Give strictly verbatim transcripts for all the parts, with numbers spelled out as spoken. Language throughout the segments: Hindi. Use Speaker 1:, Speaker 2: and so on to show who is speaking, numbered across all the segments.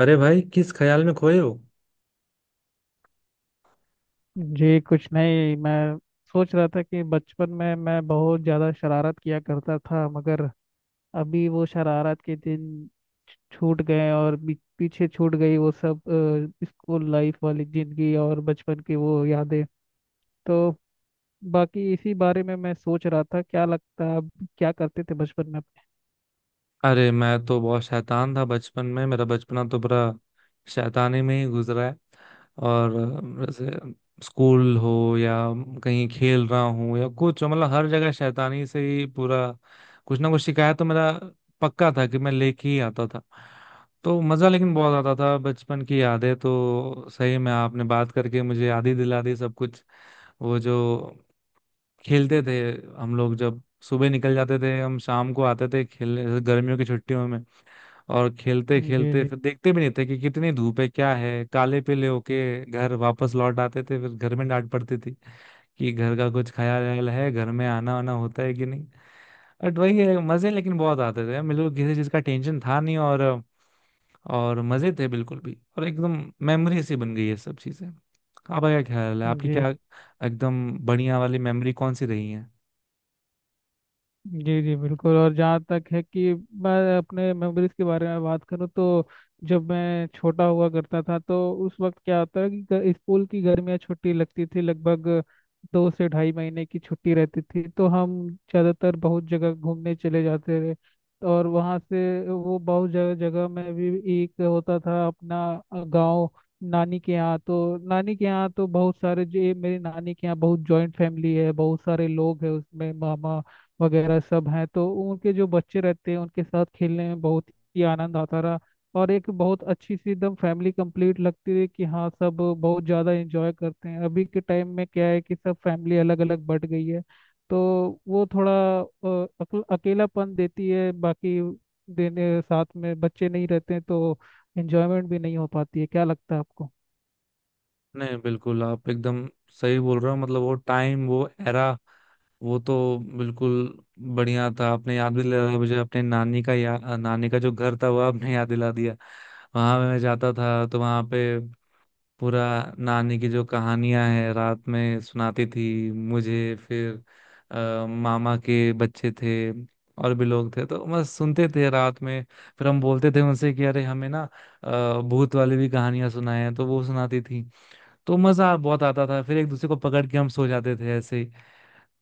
Speaker 1: अरे भाई किस ख्याल में खोए हो।
Speaker 2: जी कुछ नहीं। मैं सोच रहा था कि बचपन में मैं बहुत ज़्यादा शरारत किया करता था, मगर अभी वो शरारत के दिन छूट गए, और बी- पीछे छूट गई वो सब अ, स्कूल लाइफ वाली जिंदगी और बचपन की वो यादें। तो बाकी इसी बारे में मैं सोच रहा था। क्या लगता है, आप क्या करते थे बचपन में अपने?
Speaker 1: अरे मैं तो बहुत शैतान था बचपन में। मेरा बचपना तो पूरा शैतानी में ही गुजरा है। और अ, जैसे स्कूल हो या कहीं खेल रहा हूँ या कुछ, मतलब हर जगह शैतानी से ही पूरा। कुछ ना कुछ शिकायत तो मेरा पक्का था कि मैं लेके ही आता था। तो मज़ा लेकिन बहुत आता था। बचपन की यादें तो सही में आपने बात करके मुझे याद ही दिला दी सब कुछ। वो जो खेलते थे हम लोग, जब सुबह निकल जाते थे हम शाम को आते थे खेलने, जैसे गर्मियों की छुट्टियों में। और खेलते
Speaker 2: जी
Speaker 1: खेलते
Speaker 2: जी।
Speaker 1: फिर देखते भी नहीं थे कि कितनी धूप है, क्या है, काले पीले होके घर वापस लौट आते थे। फिर घर में डांट पड़ती थी कि घर का कुछ खाया वाया है, घर में आना वाना होता है कि नहीं। बट वही है, मजे लेकिन बहुत आते थे। मेरे को किसी चीज का टेंशन था नहीं, और और मजे थे बिल्कुल भी, और एकदम मेमोरी सी बन गई है सब चीजें। आपका क्या ख्याल है, आपकी
Speaker 2: जी
Speaker 1: क्या एकदम बढ़िया वाली मेमोरी कौन सी रही है।
Speaker 2: जी। जी बिल्कुल। और जहाँ तक है कि मैं अपने मेमोरीज के बारे में बात करूँ, तो जब मैं छोटा हुआ करता था तो उस वक्त क्या होता है कि ग- स्कूल की गर्मियाँ छुट्टी लगती थी। लगभग दो से ढाई महीने की छुट्टी रहती थी, तो हम ज़्यादातर बहुत जगह घूमने चले जाते थे। और वहाँ से वो बहुत जगह जगह में भी एक होता था अपना गांव, नानी के यहाँ। तो नानी के यहाँ तो बहुत सारे जो ये, मेरी नानी के यहाँ बहुत जॉइंट फैमिली है, बहुत सारे लोग हैं उसमें, मामा वगैरह सब हैं। तो उनके जो बच्चे रहते हैं उनके साथ खेलने में बहुत ही आनंद आता रहा। और एक बहुत अच्छी सी एकदम फैमिली कंप्लीट लगती है कि हाँ, सब बहुत ज़्यादा एंजॉय करते हैं। अभी के टाइम में क्या है कि सब फैमिली अलग अलग बट गई है, तो वो थोड़ा अ, अक- अकेलापन देती है। बाकी देने साथ में बच्चे नहीं रहते हैं, तो एंजॉयमेंट भी नहीं हो पाती है। क्या लगता है आपको?
Speaker 1: नहीं, बिल्कुल, आप एकदम सही बोल रहे हो। मतलब वो टाइम, वो एरा वो तो बिल्कुल बढ़िया था। आपने याद भी दिलाया मुझे, अपने नानी का या नानी का जो घर था वो आपने याद दिला दिया। वहां मैं जाता था तो वहां पे पूरा, नानी की जो कहानियां हैं रात में सुनाती थी मुझे। फिर आ, मामा के बच्चे थे और भी लोग थे तो बस सुनते थे रात में। फिर हम बोलते थे उनसे कि अरे हमें ना अ, भूत वाली भी कहानियां सुनाए, तो वो सुनाती थी। तो मजा बहुत आता था। फिर एक दूसरे को पकड़ के हम सो जाते थे ऐसे ही।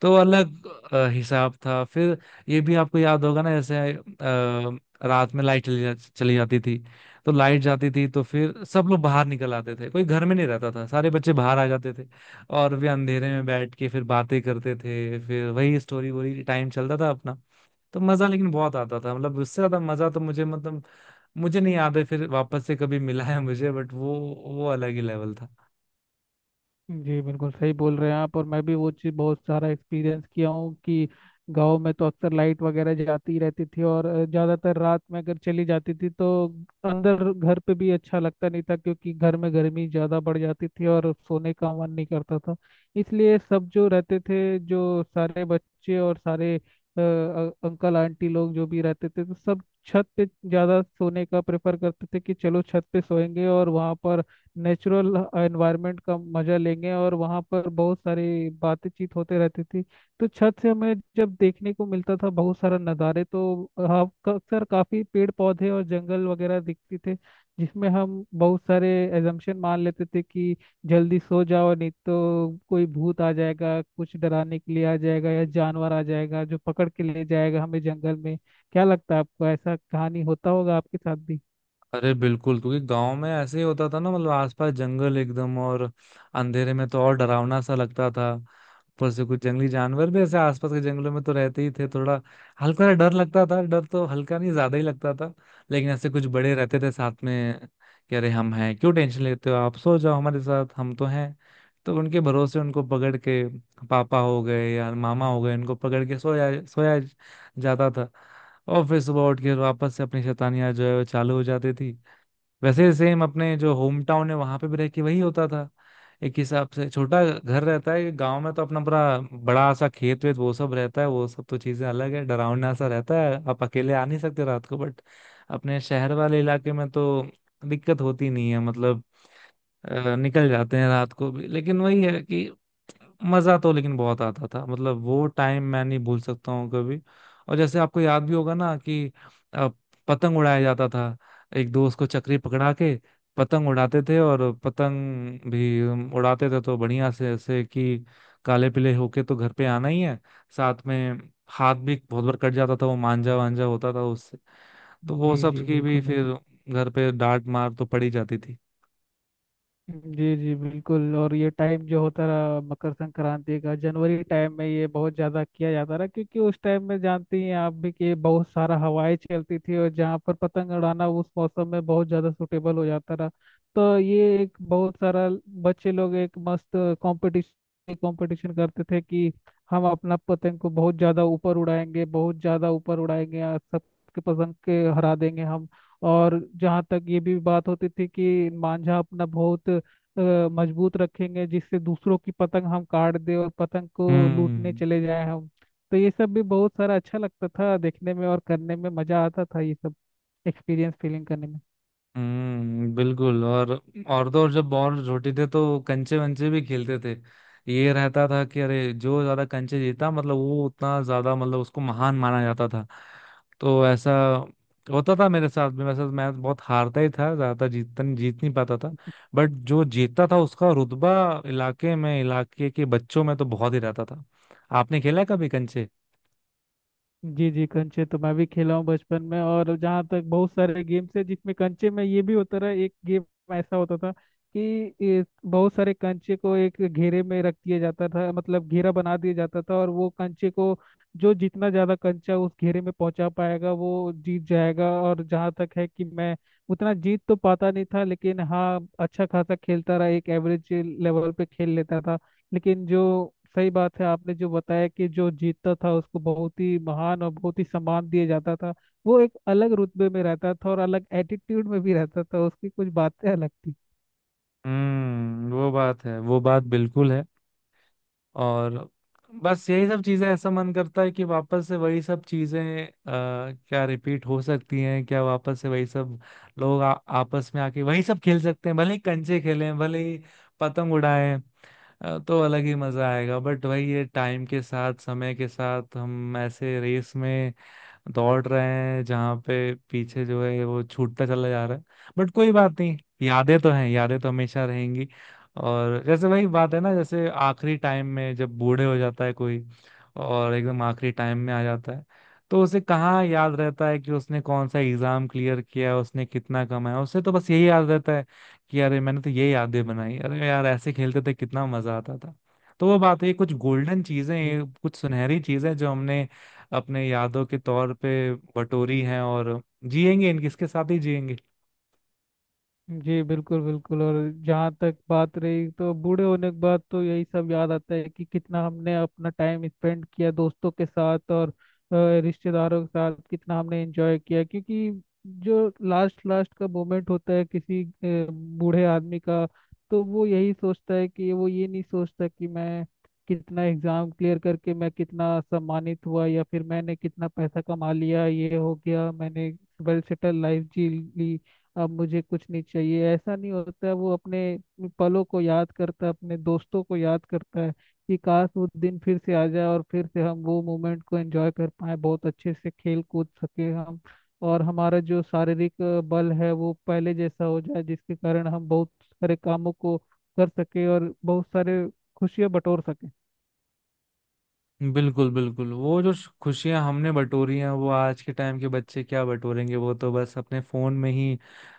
Speaker 1: तो अलग अ, हिसाब था। फिर ये भी आपको याद होगा ना, जैसे अ, रात में लाइट चली जा, चली जाती थी। तो लाइट जाती थी तो फिर सब लोग बाहर निकल आते थे, कोई घर में नहीं रहता था, सारे बच्चे बाहर आ जाते थे। और वे अंधेरे में बैठ के फिर बातें करते थे, फिर वही स्टोरी वोरी टाइम चलता था अपना। तो मजा लेकिन बहुत आता था। मतलब उससे ज्यादा मजा तो मुझे, मतलब मुझे नहीं याद है फिर वापस से कभी मिला है मुझे। बट वो वो अलग ही लेवल था।
Speaker 2: जी बिल्कुल सही बोल रहे हैं आप। और मैं भी वो चीज़ बहुत सारा एक्सपीरियंस किया हूँ कि गांव में तो अक्सर लाइट वगैरह जाती रहती थी। और अ, ज़्यादातर रात में अगर चली जाती थी तो अंदर घर पे भी अच्छा लगता नहीं था, क्योंकि घर में गर्मी ज़्यादा बढ़ जाती थी और सोने का मन नहीं करता था। इसलिए सब जो रहते थे, जो सारे बच्चे और सारे अ, अ- अंकल आंटी लोग जो भी रहते थे, तो सब छत पे ज़्यादा सोने का प्रेफर करते थे कि चलो छत पे सोएंगे और वहाँ पर नेचुरल एनवायरनमेंट का मजा लेंगे। और वहाँ पर बहुत सारी बातचीत होते रहती थी। तो छत से हमें जब देखने को मिलता था बहुत सारा नज़ारे, तो हाँ, का- अक्सर काफ़ी पेड़ पौधे और जंगल वगैरह दिखते थे, जिसमें हम बहुत सारे एजम्पशन मान लेते थे कि जल्दी सो जाओ नहीं तो कोई भूत आ जाएगा, कुछ डराने के लिए आ जाएगा, या जानवर आ जाएगा जो पकड़ के ले जाएगा हमें जंगल में। क्या लगता है आपको, ऐसा कहानी होता होगा आपके साथ भी?
Speaker 1: अरे बिल्कुल, क्योंकि गांव में ऐसे ही होता था ना। मतलब आसपास जंगल एकदम, और अंधेरे में तो और डरावना सा लगता था। ऊपर से कुछ जंगली जानवर भी ऐसे आसपास के जंगलों में तो रहते ही थे, थोड़ा हल्का सा डर लगता था। डर तो हल्का नहीं, ज्यादा ही लगता था। लेकिन ऐसे कुछ बड़े रहते थे साथ में कि अरे हम हैं, क्यों टेंशन लेते हो, आप सो जाओ हमारे साथ, हम तो हैं। तो उनके भरोसे, उनको पकड़ के, पापा हो गए या मामा हो गए, उनको पकड़ के सोया सोया जाता था। और फिर सुबह उठ के वापस से अपनी शैतानियां जो है वो चालू हो जाती थी। वैसे सेम अपने जो होम टाउन है वहां पे भी रह के वही होता था। एक हिसाब से छोटा घर रहता है गांव में, तो अपना बड़ा बड़ा सा खेत वेत वो सब रहता है, वो सब तो चीजें अलग है, डरावना सा रहता है, आप अकेले आ नहीं सकते रात को। बट अपने शहर वाले इलाके में तो दिक्कत होती नहीं है। मतलब अ, निकल जाते हैं रात को भी। लेकिन वही है कि मजा तो लेकिन बहुत आता था। मतलब वो टाइम मैं नहीं भूल सकता हूँ कभी। और जैसे आपको याद भी होगा ना कि अ, पतंग उड़ाया जाता था, एक दोस्त को चक्री पकड़ा के पतंग उड़ाते थे। और पतंग भी हम उड़ाते थे तो बढ़िया से, ऐसे कि काले पीले होके तो घर पे आना ही है। साथ में हाथ भी बहुत बार कट जाता था, वो मांजा वांजा होता था उससे। तो वो
Speaker 2: जी
Speaker 1: सब
Speaker 2: जी
Speaker 1: की भी
Speaker 2: बिल्कुल बिल्कुल।
Speaker 1: फिर घर पे डांट मार तो पड़ी जाती थी।
Speaker 2: जी जी बिल्कुल। और ये टाइम जो होता रहा मकर संक्रांति का, जनवरी टाइम में ये बहुत ज़्यादा किया जाता रहा, क्योंकि उस टाइम में जानती हैं आप भी कि बहुत सारा हवाएं चलती थी, और जहाँ पर पतंग उड़ाना उस मौसम में बहुत ज़्यादा सुटेबल हो जाता रहा। तो ये एक बहुत सारा बच्चे लोग एक मस्त कंपटीशन कंपटीशन करते थे कि हम अपना पतंग को बहुत ज़्यादा ऊपर उड़ाएंगे, बहुत ज़्यादा ऊपर उड़ाएंगे, और सबके पतंग के हरा देंगे हम। और जहाँ तक ये भी बात होती थी कि मांझा अपना बहुत अ, मजबूत रखेंगे जिससे दूसरों की पतंग हम काट दें और पतंग को लूटने
Speaker 1: हम्म।
Speaker 2: चले जाएं हम। तो ये सब भी बहुत सारा अच्छा लगता था देखने में, और करने में मजा आता था ये सब एक्सपीरियंस फीलिंग करने में।
Speaker 1: हम्म, बिल्कुल। और और तो और जब और छोटे थे तो कंचे वंचे भी खेलते थे। ये रहता था कि अरे जो ज्यादा कंचे जीता, मतलब वो उतना ज्यादा, मतलब उसको महान माना जाता था। तो ऐसा होता था मेरे साथ भी। वैसे तो मैं बहुत हारता ही था ज्यादातर, जीतता नहीं, जीत नहीं पाता था। बट जो जीतता था उसका रुतबा इलाके में, इलाके के बच्चों में तो बहुत ही रहता था। आपने खेला है कभी कंचे।
Speaker 2: जी जी। कंचे तो मैं भी खेला हूँ बचपन में। और जहाँ तक बहुत सारे गेम्स है जिसमें कंचे में, ये भी होता रहा, एक गेम ऐसा होता था कि ये बहुत सारे कंचे को एक घेरे में रख दिया जाता था, मतलब घेरा बना दिया जाता था, और वो कंचे को जो जितना ज्यादा कंचा उस घेरे में पहुंचा पाएगा वो जीत जाएगा। और जहाँ तक है कि मैं उतना जीत तो पाता नहीं था, लेकिन हाँ, अच्छा खासा खेलता रहा, एक एवरेज लेवल पे खेल लेता था। लेकिन जो सही बात है, आपने जो बताया कि जो जीतता था उसको बहुत ही महान और बहुत ही सम्मान दिया जाता था, वो एक अलग रुतबे में रहता था, और अलग एटीट्यूड में भी रहता था, उसकी कुछ बातें अलग थी।
Speaker 1: हम्म, वो बात है, वो बात बिल्कुल है। और बस यही सब चीजें, ऐसा मन करता है कि वापस से वही सब चीजें अ, क्या रिपीट हो सकती हैं क्या, वापस से वही सब लोग आ, आपस में आके वही सब खेल सकते हैं, भले ही कंचे खेलें, भले ही पतंग उड़ाएं। अ, तो अलग ही मजा आएगा। बट वही है, टाइम के साथ, समय के साथ हम ऐसे रेस में दौड़ रहे हैं जहाँ पे पीछे जो है वो छूटता चला जा रहा है। बट कोई बात नहीं, यादें तो हैं, यादें तो हमेशा रहेंगी। और जैसे वही बात है ना, जैसे आखिरी टाइम में जब बूढ़े हो जाता है कोई और एकदम आखिरी टाइम में आ जाता है, तो उसे कहाँ याद रहता है कि उसने कौन सा एग्जाम क्लियर किया, उसने कितना कमाया। उसे तो बस यही याद रहता है कि अरे मैंने तो ये यादें बनाई, अरे यार ऐसे खेलते थे, कितना मजा आता था। तो वो बात है, ये कुछ गोल्डन चीजें हैं, ये कुछ सुनहरी चीजें हैं जो हमने अपने यादों के तौर पे बटोरी हैं। और जिएंगे, इनके इसके साथ ही जिएंगे।
Speaker 2: जी बिल्कुल बिल्कुल। और जहाँ तक बात रही तो बूढ़े होने के बाद तो यही सब याद आता है कि कितना हमने अपना टाइम स्पेंड किया दोस्तों के साथ और अ, रिश्तेदारों के साथ कितना हमने एंजॉय किया, क्योंकि जो लास्ट लास्ट का मोमेंट होता है किसी अ, बूढ़े आदमी का, तो वो यही सोचता है, कि वो ये नहीं सोचता कि मैं कितना एग्जाम क्लियर करके मैं कितना सम्मानित हुआ या फिर मैंने कितना पैसा कमा लिया, ये हो गया मैंने, वेल सेटल लाइफ जी ली, अब मुझे कुछ नहीं चाहिए। ऐसा नहीं होता। वो अपने पलों को याद करता है, अपने दोस्तों को याद करता है, कि काश वो दिन फिर से आ जाए और फिर से हम वो मोमेंट को एंजॉय कर पाए, बहुत अच्छे से खेल कूद सके हम, और हमारा जो शारीरिक अ, बल है वो पहले जैसा हो जाए, जिसके कारण हम बहुत सारे कामों को कर सके और बहुत सारे खुशियां बटोर सके।
Speaker 1: बिल्कुल बिल्कुल, वो जो खुशियां हमने बटोरी हैं वो आज के टाइम के बच्चे क्या बटोरेंगे। वो तो बस अपने फोन में ही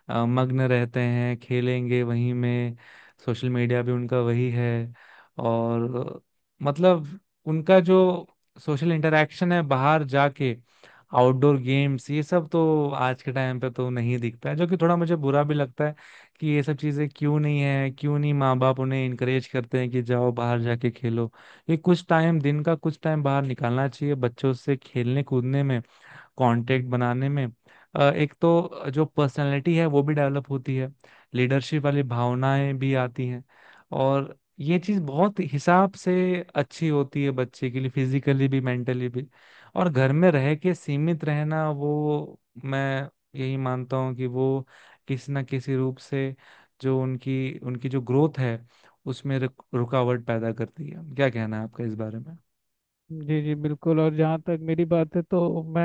Speaker 1: अ, मग्न रहते हैं, खेलेंगे वहीं में, सोशल मीडिया भी उनका वही है। और अ, मतलब उनका जो सोशल इंटरेक्शन है बाहर जाके, आउटडोर गेम्स, ये सब तो आज के टाइम पे तो नहीं दिखता है। जो कि थोड़ा मुझे बुरा भी लगता है कि ये सब चीजें क्यों नहीं है, क्यों नहीं माँ बाप उन्हें इनकरेज करते हैं कि जाओ बाहर जाके खेलो। ये कुछ टाइम, दिन का कुछ टाइम बाहर निकालना चाहिए बच्चों से खेलने कूदने में, कांटेक्ट बनाने में। अ, एक तो जो पर्सनालिटी है वो भी डेवलप होती है, लीडरशिप वाली भावनाएं भी आती हैं। और ये चीज़ बहुत हिसाब से अच्छी होती है बच्चे के लिए, फिजिकली भी मेंटली भी। और घर में रह के सीमित रहना, वो मैं यही मानता हूँ कि वो किसी ना किसी रूप से जो उनकी उनकी जो ग्रोथ है उसमें रुक, रुकावट पैदा करती है। क्या कहना है आपका इस बारे में।
Speaker 2: जी जी बिल्कुल। और जहाँ तक मेरी बात है तो मैं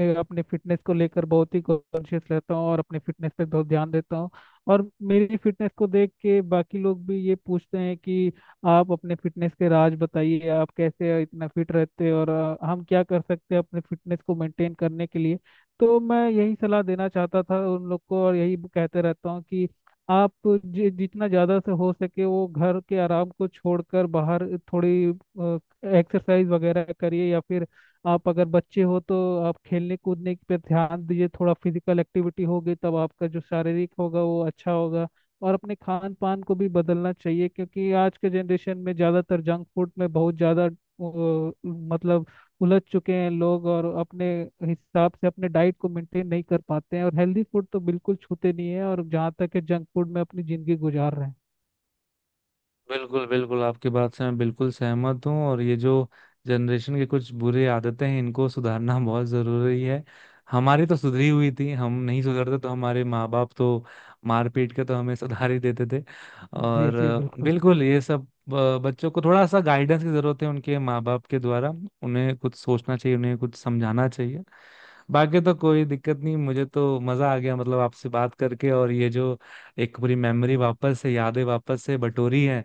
Speaker 2: ए, अपने फिटनेस को लेकर बहुत ही कॉन्शियस रहता हूँ और अपने फिटनेस पे बहुत ध्यान देता हूँ। और मेरी फिटनेस को देख के बाकी लोग भी ये पूछते हैं कि आप अपने फिटनेस के राज बताइए, आप कैसे इतना फिट रहते हैं, और अ, हम क्या कर सकते हैं अपने फिटनेस को मेंटेन करने के लिए? तो मैं यही सलाह देना चाहता था उन लोग को, और यही कहते रहता हूँ कि आप जि- जितना ज़्यादा से हो सके वो घर के आराम को छोड़कर बाहर थोड़ी एक्सरसाइज वगैरह करिए। या फिर आप अगर बच्चे हो तो आप खेलने कूदने पे ध्यान दीजिए, थोड़ा फिजिकल एक्टिविटी होगी तब आपका जो शारीरिक होगा वो अच्छा होगा। और अपने खान पान को भी बदलना चाहिए, क्योंकि आज के जनरेशन में ज़्यादातर जंक फूड में बहुत ज़्यादा अ, मतलब उलझ चुके हैं लोग, और अपने हिसाब से अपने डाइट को मेंटेन नहीं कर पाते हैं, और हेल्दी फूड तो बिल्कुल छूते नहीं है, और जहाँ तक है जंक फूड में अपनी ज़िंदगी गुजार रहे हैं।
Speaker 1: बिल्कुल बिल्कुल, आपकी बात से मैं बिल्कुल सहमत हूँ। और ये जो जनरेशन की कुछ बुरी आदतें हैं इनको सुधारना बहुत जरूरी है। हमारी तो सुधरी हुई थी, हम नहीं सुधरते तो हमारे माँ बाप तो मार पीट के तो हमें सुधार ही देते थे।
Speaker 2: जी
Speaker 1: और
Speaker 2: जी
Speaker 1: अ,
Speaker 2: बिल्कुल।
Speaker 1: बिल्कुल ये सब अ, बच्चों को थोड़ा सा गाइडेंस की जरूरत है उनके माँ बाप के द्वारा। उन्हें कुछ सोचना चाहिए, उन्हें कुछ समझाना चाहिए। बाकी तो कोई दिक्कत नहीं, मुझे तो मजा आ गया मतलब आपसे बात करके। और ये जो एक पूरी मेमोरी वापस से, यादें वापस से बटोरी है,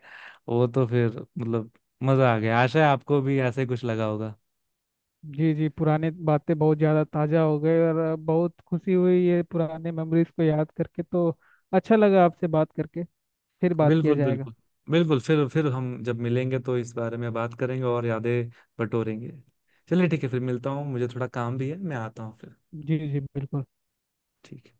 Speaker 1: वो तो फिर मतलब मजा आ गया। आशा है आपको भी ऐसे ही कुछ लगा होगा।
Speaker 2: जी जी पुराने बातें बहुत ज़्यादा ताज़ा हो गए, और बहुत खुशी हुई ये पुराने मेमोरीज को याद करके। तो अच्छा लगा आपसे बात करके। फिर बात किया
Speaker 1: बिल्कुल
Speaker 2: जाएगा।
Speaker 1: बिल्कुल, बिल्कुल। फिर फिर हम जब मिलेंगे तो इस बारे में बात करेंगे और यादें बटोरेंगे। चलिए ठीक है, फिर मिलता हूँ, मुझे थोड़ा काम भी है, मैं आता हूँ फिर।
Speaker 2: जी जी बिल्कुल।
Speaker 1: ठीक है।